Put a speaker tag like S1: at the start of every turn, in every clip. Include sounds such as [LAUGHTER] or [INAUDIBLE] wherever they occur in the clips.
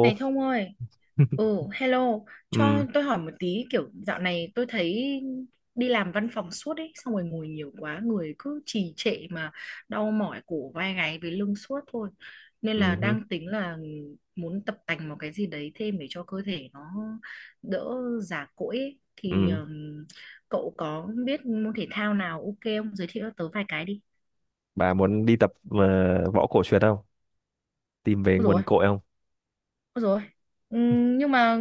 S1: Này Thông ơi, ừ,
S2: [LAUGHS]
S1: hello, cho
S2: Ừ,
S1: tôi hỏi một tí, kiểu dạo này tôi thấy đi làm văn phòng suốt ấy, xong rồi ngồi nhiều quá, người cứ trì trệ mà đau mỏi cổ vai gáy với lưng suốt thôi. Nên là
S2: ừ,
S1: đang tính là muốn tập tành một cái gì đấy thêm để cho cơ thể nó đỡ già cỗi ấy. Thì
S2: ừ.
S1: cậu có biết môn thể thao nào ok không? Giới thiệu cho tớ vài cái đi.
S2: Bà muốn đi tập võ cổ truyền không? Tìm về nguồn
S1: Rồi.
S2: cội không?
S1: Rồi. Nhưng mà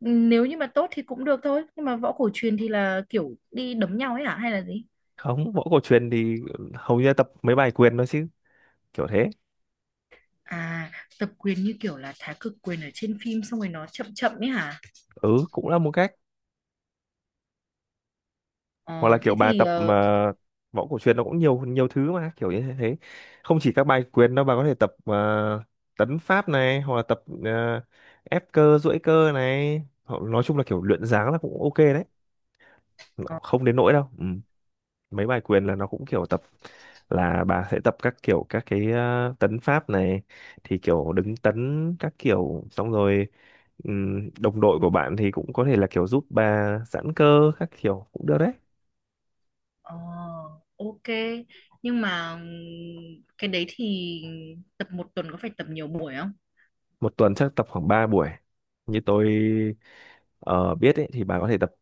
S1: nếu như mà tốt thì cũng được thôi, nhưng mà võ cổ truyền thì là kiểu đi đấm nhau ấy hả, hay là gì?
S2: Không, võ cổ truyền thì hầu như là tập mấy bài quyền thôi chứ, kiểu thế.
S1: À, tập quyền như kiểu là thái cực quyền ở trên phim, xong rồi nó chậm chậm ấy hả?
S2: Ừ, cũng là một cách. Hoặc là
S1: Ờ,
S2: kiểu
S1: thế
S2: bà
S1: thì
S2: tập mà võ cổ truyền nó cũng nhiều nhiều thứ mà, kiểu như thế. Không chỉ các bài quyền đâu, bà có thể tập tấn pháp này, hoặc là tập ép cơ, duỗi cơ này. Hoặc nói chung là kiểu luyện dáng là cũng ok đấy. Không đến nỗi đâu. Ừ. Mấy bài quyền là nó cũng kiểu tập là bà sẽ tập các kiểu các cái tấn pháp này, thì kiểu đứng tấn các kiểu xong rồi đồng đội của bạn thì cũng có thể là kiểu giúp bà giãn cơ các kiểu cũng được đấy.
S1: ờ, ok. Nhưng mà cái đấy thì tập một tuần có phải tập nhiều buổi không?
S2: Một tuần chắc tập khoảng 3 buổi như tôi ờ, biết ấy, thì bà có thể tập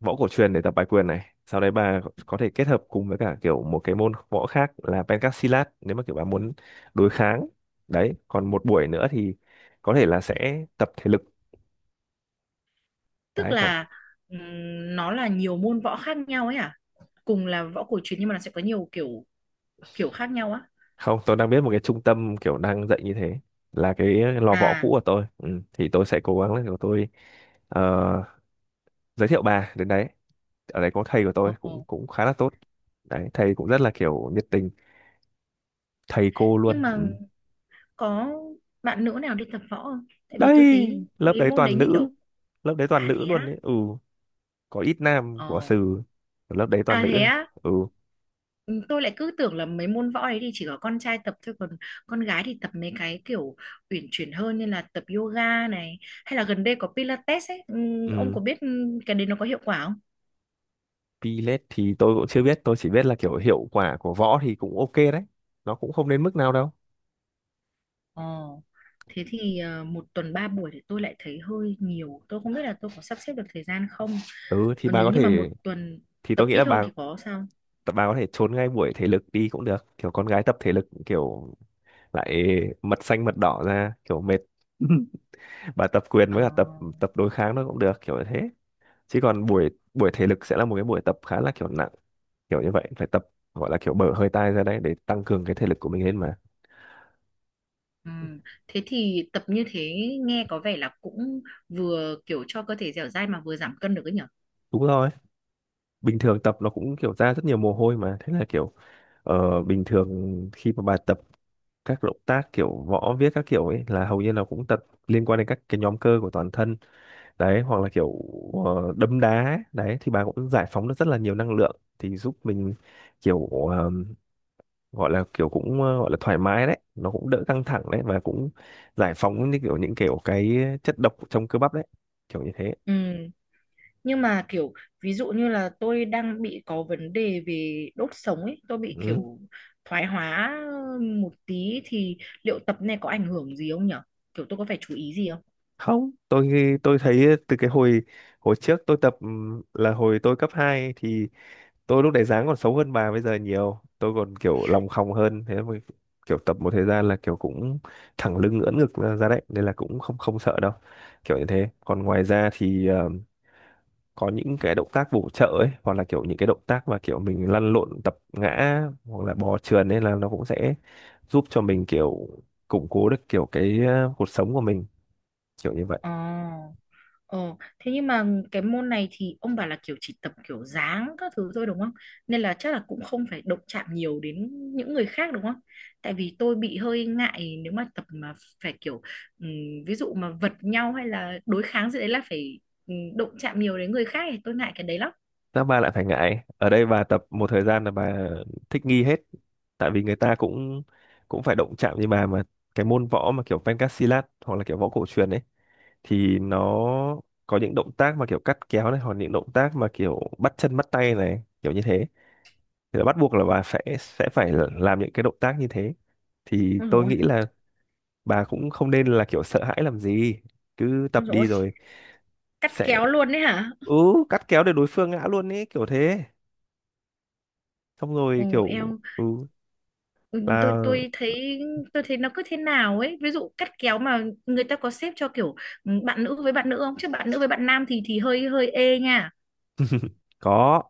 S2: võ cổ truyền để tập bài quyền này, sau đấy bà có thể kết hợp cùng với cả kiểu một cái môn võ khác là pencak silat nếu mà kiểu bà muốn đối kháng. Đấy còn một buổi nữa thì có thể là sẽ tập thể lực.
S1: Tức
S2: Đấy nói...
S1: là nó là nhiều môn võ khác nhau ấy hả? Cùng là võ cổ truyền nhưng mà nó sẽ có nhiều kiểu kiểu khác nhau á?
S2: Không, tôi đang biết một cái trung tâm kiểu đang dạy như thế, là cái lò võ cũ
S1: À.
S2: của tôi ừ. Thì tôi sẽ cố gắng là kiểu tôi ờ, giới thiệu bà đến đấy. Ở đấy có thầy của
S1: ờ
S2: tôi cũng cũng khá là tốt. Đấy thầy cũng rất là kiểu nhiệt tình, thầy cô luôn
S1: nhưng mà
S2: ừ.
S1: có bạn nữ nào đi tập võ không? Tại vì tôi
S2: Đây,
S1: thấy
S2: lớp
S1: mấy
S2: đấy
S1: môn đấy
S2: toàn
S1: như
S2: nữ,
S1: kiểu...
S2: lớp đấy toàn
S1: À
S2: nữ
S1: thế
S2: luôn
S1: á?
S2: đấy ừ. Có ít nam
S1: Ồ.
S2: của sừ, lớp đấy toàn
S1: À thế
S2: nữ.
S1: á?
S2: Ừ.
S1: Ừ, tôi lại cứ tưởng là mấy môn võ đấy thì chỉ có con trai tập thôi, còn con gái thì tập mấy cái kiểu uyển chuyển hơn, như là tập yoga này hay là gần đây có Pilates ấy. Ừ, ông
S2: Ừ.
S1: có biết cái đấy nó có hiệu quả không?
S2: Pilet thì tôi cũng chưa biết, tôi chỉ biết là kiểu hiệu quả của võ thì cũng ok đấy, nó cũng không đến mức nào đâu.
S1: Ồ, thế thì một tuần ba buổi thì tôi lại thấy hơi nhiều, tôi không biết là tôi có sắp xếp được thời gian không.
S2: Ừ thì
S1: Ờ,
S2: bà
S1: nếu
S2: có
S1: như mà một
S2: thể,
S1: tuần
S2: thì tôi
S1: tập
S2: nghĩ
S1: ít
S2: là
S1: hơn
S2: bà
S1: thì có sao?
S2: bà có thể trốn ngay buổi thể lực đi cũng được, kiểu con gái tập thể lực kiểu lại mật xanh mật đỏ ra kiểu mệt. [LAUGHS] Bà tập quyền
S1: Ờ.
S2: với cả tập tập đối kháng nó cũng được kiểu như thế, chứ còn buổi buổi thể lực sẽ là một cái buổi tập khá là kiểu nặng, kiểu như vậy phải tập, gọi là kiểu bở hơi tai ra đấy để tăng cường cái thể lực của mình lên mà.
S1: ừm. Thế thì tập như thế nghe có vẻ là cũng vừa kiểu cho cơ thể dẻo dai mà vừa giảm cân được ấy nhở?
S2: Đúng rồi, bình thường tập nó cũng kiểu ra rất nhiều mồ hôi mà, thế là kiểu bình thường khi mà bà tập các động tác kiểu võ viết các kiểu ấy là hầu như là cũng tập liên quan đến các cái nhóm cơ của toàn thân. Đấy hoặc là kiểu đấm đá đấy thì bà cũng giải phóng được rất là nhiều năng lượng, thì giúp mình kiểu ờ, gọi là kiểu cũng gọi là thoải mái đấy, nó cũng đỡ căng thẳng đấy, và cũng giải phóng như kiểu những kiểu cái chất độc trong cơ bắp đấy, kiểu như thế.
S1: Ừ. Nhưng mà kiểu ví dụ như là tôi đang bị có vấn đề về đốt sống ấy, tôi bị
S2: Ừ.
S1: kiểu thoái hóa một tí thì liệu tập này có ảnh hưởng gì không nhở? Kiểu tôi có phải chú ý gì không?
S2: Không, tôi thấy từ cái hồi hồi trước tôi tập là hồi tôi cấp 2 thì tôi lúc đấy dáng còn xấu hơn bà bây giờ nhiều, tôi còn kiểu lòng khòng hơn thế mà kiểu tập một thời gian là kiểu cũng thẳng lưng ưỡn ngực ra ra đấy, nên là cũng không không sợ đâu, kiểu như thế. Còn ngoài ra thì có những cái động tác bổ trợ ấy, hoặc là kiểu những cái động tác mà kiểu mình lăn lộn tập ngã hoặc là bò trườn, nên là nó cũng sẽ giúp cho mình kiểu củng cố được kiểu cái cột sống của mình, kiểu như vậy.
S1: Ờ. Ồ, thế nhưng mà cái môn này thì ông bảo là kiểu chỉ tập kiểu dáng các thứ thôi đúng không? Nên là chắc là cũng không phải động chạm nhiều đến những người khác đúng không? Tại vì tôi bị hơi ngại nếu mà tập mà phải kiểu ừm, ví dụ mà vật nhau hay là đối kháng gì đấy là phải động chạm nhiều đến người khác, thì tôi ngại cái đấy lắm.
S2: Sao bà lại phải ngại? Ở đây bà tập một thời gian là bà thích nghi hết. Tại vì người ta cũng cũng phải động chạm như bà mà. Cái môn võ mà kiểu Pencak hoặc là kiểu võ cổ truyền ấy, thì nó có những động tác mà kiểu cắt kéo này, hoặc những động tác mà kiểu bắt chân bắt tay này, kiểu như thế, thì là bắt buộc là bà sẽ phải làm những cái động tác như thế. Thì
S1: Ôi
S2: tôi
S1: rồi,
S2: nghĩ là bà cũng không nên là kiểu sợ hãi làm gì, cứ tập đi
S1: rồi,
S2: rồi
S1: cắt
S2: sẽ
S1: kéo luôn đấy hả?
S2: ừ. Cắt kéo để đối phương ngã luôn ấy, kiểu thế, xong rồi
S1: Ồ,
S2: kiểu
S1: eo.
S2: ừ,
S1: Ừ, tôi
S2: là
S1: tôi thấy tôi thấy nó cứ thế nào ấy, ví dụ cắt kéo mà người ta có xếp cho kiểu bạn nữ với bạn nữ không, chứ bạn nữ với bạn nam thì hơi hơi ê nha.
S2: có,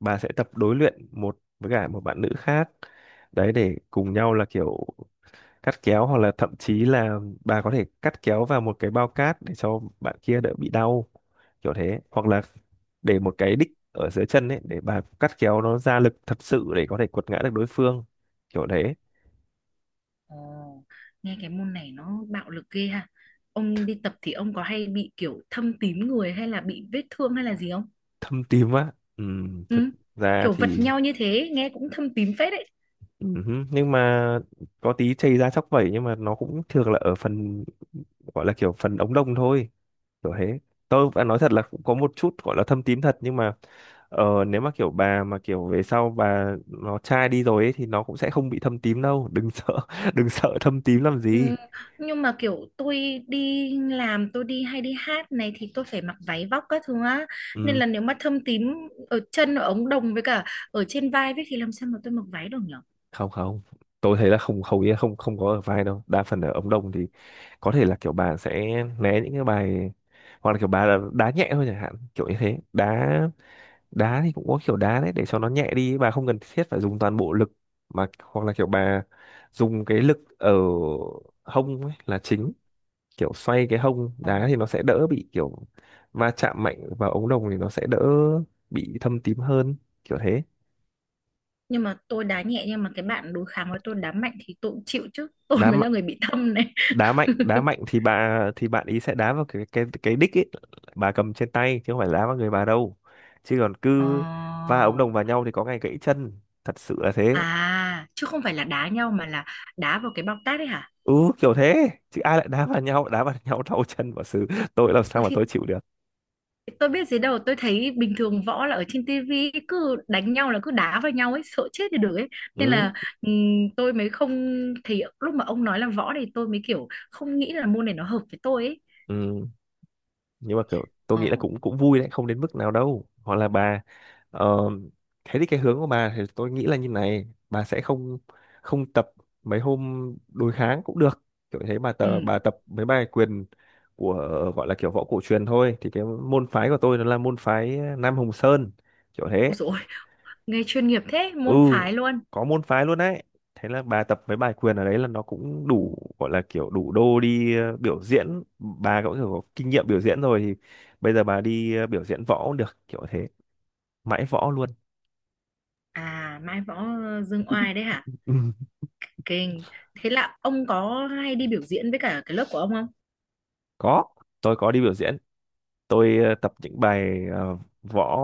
S2: bà sẽ tập đối luyện một với cả một bạn nữ khác đấy, để cùng nhau là kiểu cắt kéo, hoặc là thậm chí là bà có thể cắt kéo vào một cái bao cát để cho bạn kia đỡ bị đau, kiểu thế. Hoặc là để một cái đích ở dưới chân ấy, để bà cắt kéo nó ra lực thật sự để có thể quật ngã được đối phương, kiểu đấy.
S1: Ồ, nghe cái môn này nó bạo lực ghê ha. Ông đi tập thì ông có hay bị kiểu thâm tím người hay là bị vết thương hay là gì không?
S2: Thâm tím á? Ừ, thực
S1: Ừ.
S2: ra
S1: Kiểu vật
S2: thì
S1: nhau như thế nghe cũng thâm tím phết đấy.
S2: ừ, nhưng mà có tí chày da chóc vẩy nhưng mà nó cũng thường là ở phần gọi là kiểu phần ống đồng thôi, kiểu thế. Tôi phải nói thật là cũng có một chút gọi là thâm tím thật, nhưng mà nếu mà kiểu bà mà kiểu về sau bà nó chai đi rồi ấy, thì nó cũng sẽ không bị thâm tím đâu, đừng sợ. [LAUGHS] Đừng sợ thâm tím làm gì.
S1: Ừ, nhưng mà kiểu tôi đi làm, tôi đi hay đi hát này thì tôi phải mặc váy vóc các thứ á, nên
S2: Ừ,
S1: là nếu mà thâm tím ở chân, ở ống đồng với cả ở trên vai với, thì làm sao mà tôi mặc váy được nhở?
S2: không không tôi thấy là không, hầu như không không có ở vai đâu, đa phần ở ống đồng thì có thể là kiểu bà sẽ né những cái bài, hoặc là kiểu bà là đá nhẹ thôi chẳng hạn, kiểu như thế. Đá, đá thì cũng có kiểu đá đấy để cho nó nhẹ đi, bà không cần thiết phải dùng toàn bộ lực mà, hoặc là kiểu bà dùng cái lực ở hông ấy là chính, kiểu xoay cái hông
S1: Ờ.
S2: đá thì nó sẽ đỡ bị kiểu va chạm mạnh vào ống đồng, thì nó sẽ đỡ bị thâm tím hơn, kiểu thế.
S1: Nhưng mà tôi đá nhẹ, nhưng mà cái bạn đối kháng với tôi đá mạnh thì tôi cũng chịu chứ. [LAUGHS] Tôi
S2: Đá
S1: mới
S2: mạnh,
S1: là người bị thâm này.
S2: đá mạnh thì bà, thì bạn ý sẽ đá vào cái cái đích ấy bà cầm trên tay, chứ không phải đá vào người bà đâu, chứ còn cứ
S1: Ờ.
S2: va ống đồng vào nhau thì có ngày gãy chân, thật sự là thế.
S1: À, chứ không phải là đá nhau mà là đá vào cái bọc tát đấy hả?
S2: Ừ kiểu thế, chứ ai lại đá vào nhau, đá vào [LAUGHS] nhau đau chân và xử, tôi làm sao
S1: Ôi
S2: mà
S1: thì
S2: tôi chịu được.
S1: tôi biết gì đâu, tôi thấy bình thường võ là ở trên tivi cứ đánh nhau là cứ đá vào nhau ấy, sợ chết thì được ấy. Nên
S2: Ừ,
S1: là ừm, tôi mới không, thì lúc mà ông nói là võ thì tôi mới kiểu không nghĩ là môn này nó hợp với tôi ấy.
S2: ừ. Nhưng mà kiểu tôi nghĩ là
S1: Ờ.
S2: cũng cũng vui đấy, không đến mức nào đâu. Hoặc là bà ờ, thế thì cái hướng của bà thì tôi nghĩ là như này, bà sẽ không không tập mấy hôm đối kháng cũng được, kiểu thế. bà tập
S1: Ừ.
S2: bà tập mấy bài quyền của, gọi là kiểu võ cổ truyền thôi, thì cái môn phái của tôi nó là môn phái Nam Hồng Sơn, kiểu thế.
S1: Ôi dồi, ôi, nghe chuyên nghiệp thế,
S2: Ừ,
S1: môn phái luôn.
S2: có môn phái luôn đấy. Thế là bà tập với bài quyền ở đấy là nó cũng đủ, gọi là kiểu đủ đô đi biểu diễn, bà cũng kiểu có kinh nghiệm biểu diễn rồi, thì bây giờ bà đi biểu diễn võ cũng được, kiểu thế, mãi võ luôn.
S1: À, Mai Võ Dương Oai đấy hả?
S2: [LAUGHS] Ừ.
S1: Kinh. Thế là ông có hay đi biểu diễn với cả cái lớp của ông không?
S2: Có, tôi có đi biểu diễn, tôi tập những bài võ,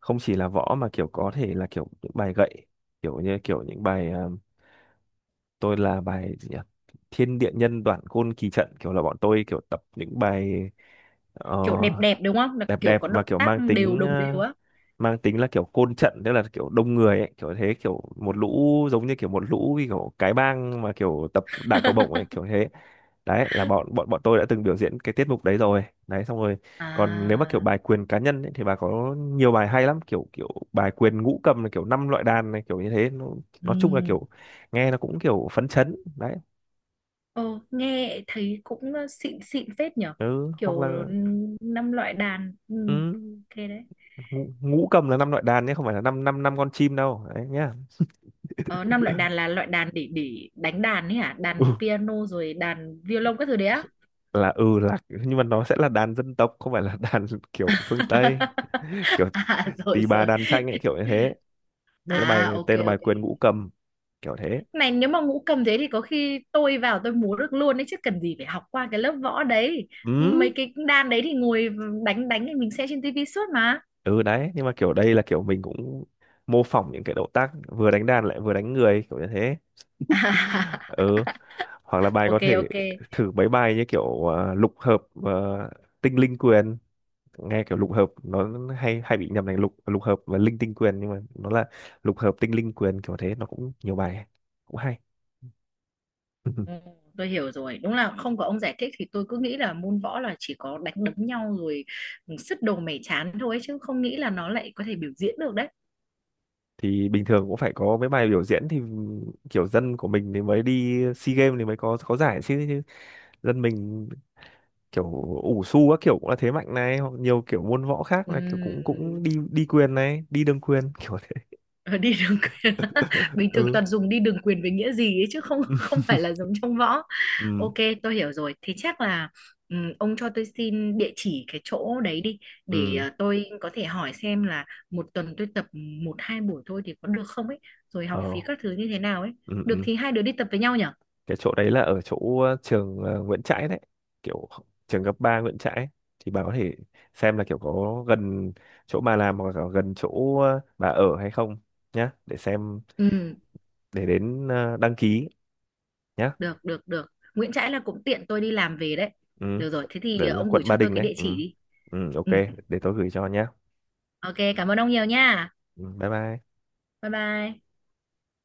S2: không chỉ là võ mà kiểu có thể là kiểu những bài gậy, kiểu như kiểu những bài tôi là bài gì nhỉ, thiên địa nhân đoạn côn kỳ trận, kiểu là bọn tôi kiểu tập những bài ờ,
S1: Kiểu đẹp đẹp đúng không? Là
S2: đẹp
S1: kiểu
S2: đẹp
S1: có
S2: và
S1: động
S2: kiểu
S1: tác
S2: mang
S1: đều,
S2: tính
S1: đồng đều á.
S2: mang tính là kiểu côn trận, tức là kiểu đông người ấy, kiểu thế, kiểu một lũ giống như kiểu một lũ như kiểu cái bang mà kiểu tập đả cầu bổng ấy,
S1: [LAUGHS]
S2: kiểu thế. Đấy là bọn bọn bọn tôi đã từng biểu diễn cái tiết mục đấy rồi đấy. Xong rồi còn nếu mà kiểu
S1: À,
S2: bài quyền cá nhân ấy, thì bà có nhiều bài hay lắm, kiểu kiểu bài quyền ngũ cầm là kiểu năm loại đàn này, kiểu như thế nó,
S1: ừ.
S2: nói chung là kiểu nghe nó cũng kiểu phấn chấn đấy.
S1: Ờ, nghe thấy cũng xịn xịn phết nhở,
S2: Ừ hoặc
S1: kiểu
S2: là
S1: năm loại đàn,
S2: ừ,
S1: ok đấy.
S2: ngũ cầm là năm loại đàn nhé, không phải là năm năm năm con chim đâu đấy nhá.
S1: Ờ, năm loại đàn là loại đàn để đánh đàn ấy hả? Đàn piano rồi đàn violon các thứ đấy á?
S2: Là ừ là, nhưng mà nó sẽ là đàn dân tộc, không phải là đàn [LAUGHS] kiểu phương Tây,
S1: [LAUGHS]
S2: kiểu
S1: À rồi
S2: tỳ bà
S1: rồi.
S2: đàn tranh ấy, kiểu như thế. Đấy là bài
S1: À, ok
S2: tên là bài
S1: ok.
S2: quyền ngũ cầm, kiểu thế.
S1: Này, nếu mà ngũ cầm thế thì có khi tôi vào tôi múa được luôn đấy chứ, cần gì phải học qua cái lớp võ đấy.
S2: Ừ,
S1: Mấy cái đàn đấy thì ngồi đánh đánh thì mình xem trên tivi suốt mà.
S2: ừ. Đấy nhưng mà kiểu đây là kiểu mình cũng mô phỏng những cái động tác vừa đánh đàn lại vừa đánh người, kiểu như thế. [LAUGHS]
S1: [LAUGHS]
S2: Ừ, hoặc là bài có
S1: Ok
S2: thể
S1: ok.
S2: thử mấy bài như kiểu lục hợp ờ, tinh linh quyền, nghe kiểu lục hợp nó hay hay bị nhầm thành lục lục hợp và linh tinh quyền, nhưng mà nó là lục hợp tinh linh quyền, kiểu thế, nó cũng nhiều bài cũng hay.
S1: Ừ,
S2: [LAUGHS]
S1: tôi hiểu rồi, đúng là không có ông giải thích thì tôi cứ nghĩ là môn võ là chỉ có đánh đấm nhau rồi, sứt đồ mẻ chán thôi, chứ không nghĩ là nó lại có thể biểu diễn được đấy.
S2: Thì bình thường cũng phải có mấy bài biểu diễn, thì kiểu dân của mình thì mới đi SEA Games thì mới có giải chứ, chứ dân mình kiểu ủ xu các kiểu cũng là thế mạnh này, hoặc nhiều kiểu môn võ khác là kiểu
S1: Ừm,
S2: cũng cũng đi đi quyền này đi đương quyền, kiểu thế.
S1: ờ, đi đường quyền. [LAUGHS]
S2: [LAUGHS]
S1: Bình thường
S2: Ừ.
S1: toàn dùng đi đường quyền với nghĩa gì ấy chứ không không phải là
S2: [LAUGHS]
S1: giống trong võ.
S2: Ừ,
S1: Ok, tôi hiểu rồi. Thì chắc là ông cho tôi xin địa chỉ cái chỗ đấy đi, để
S2: ừ,
S1: tôi có thể hỏi xem là một tuần tôi tập một hai buổi thôi thì có được không ấy, rồi học phí
S2: ờ,
S1: các thứ như thế nào ấy.
S2: ừ,
S1: Được
S2: ừ.
S1: thì hai đứa đi tập với nhau nhỉ.
S2: Cái chỗ đấy là ở chỗ trường Nguyễn Trãi đấy, kiểu trường cấp 3 Nguyễn Trãi. Thì bà có thể xem là kiểu có gần chỗ bà làm hoặc là gần chỗ bà ở hay không nhá, để xem,
S1: Ừ,
S2: để đến đăng ký nhá.
S1: được được được. Nguyễn Trãi là cũng tiện tôi đi làm về đấy.
S2: Ừ,
S1: Được rồi, thế thì
S2: đấy là
S1: ông gửi
S2: quận Ba
S1: cho tôi
S2: Đình
S1: cái
S2: đấy
S1: địa
S2: ừ.
S1: chỉ đi.
S2: Ừ ok,
S1: Ừ,
S2: để tôi gửi cho nhá.
S1: ok, cảm ơn ông nhiều nha.
S2: Ừ, bye bye.
S1: Bye bye.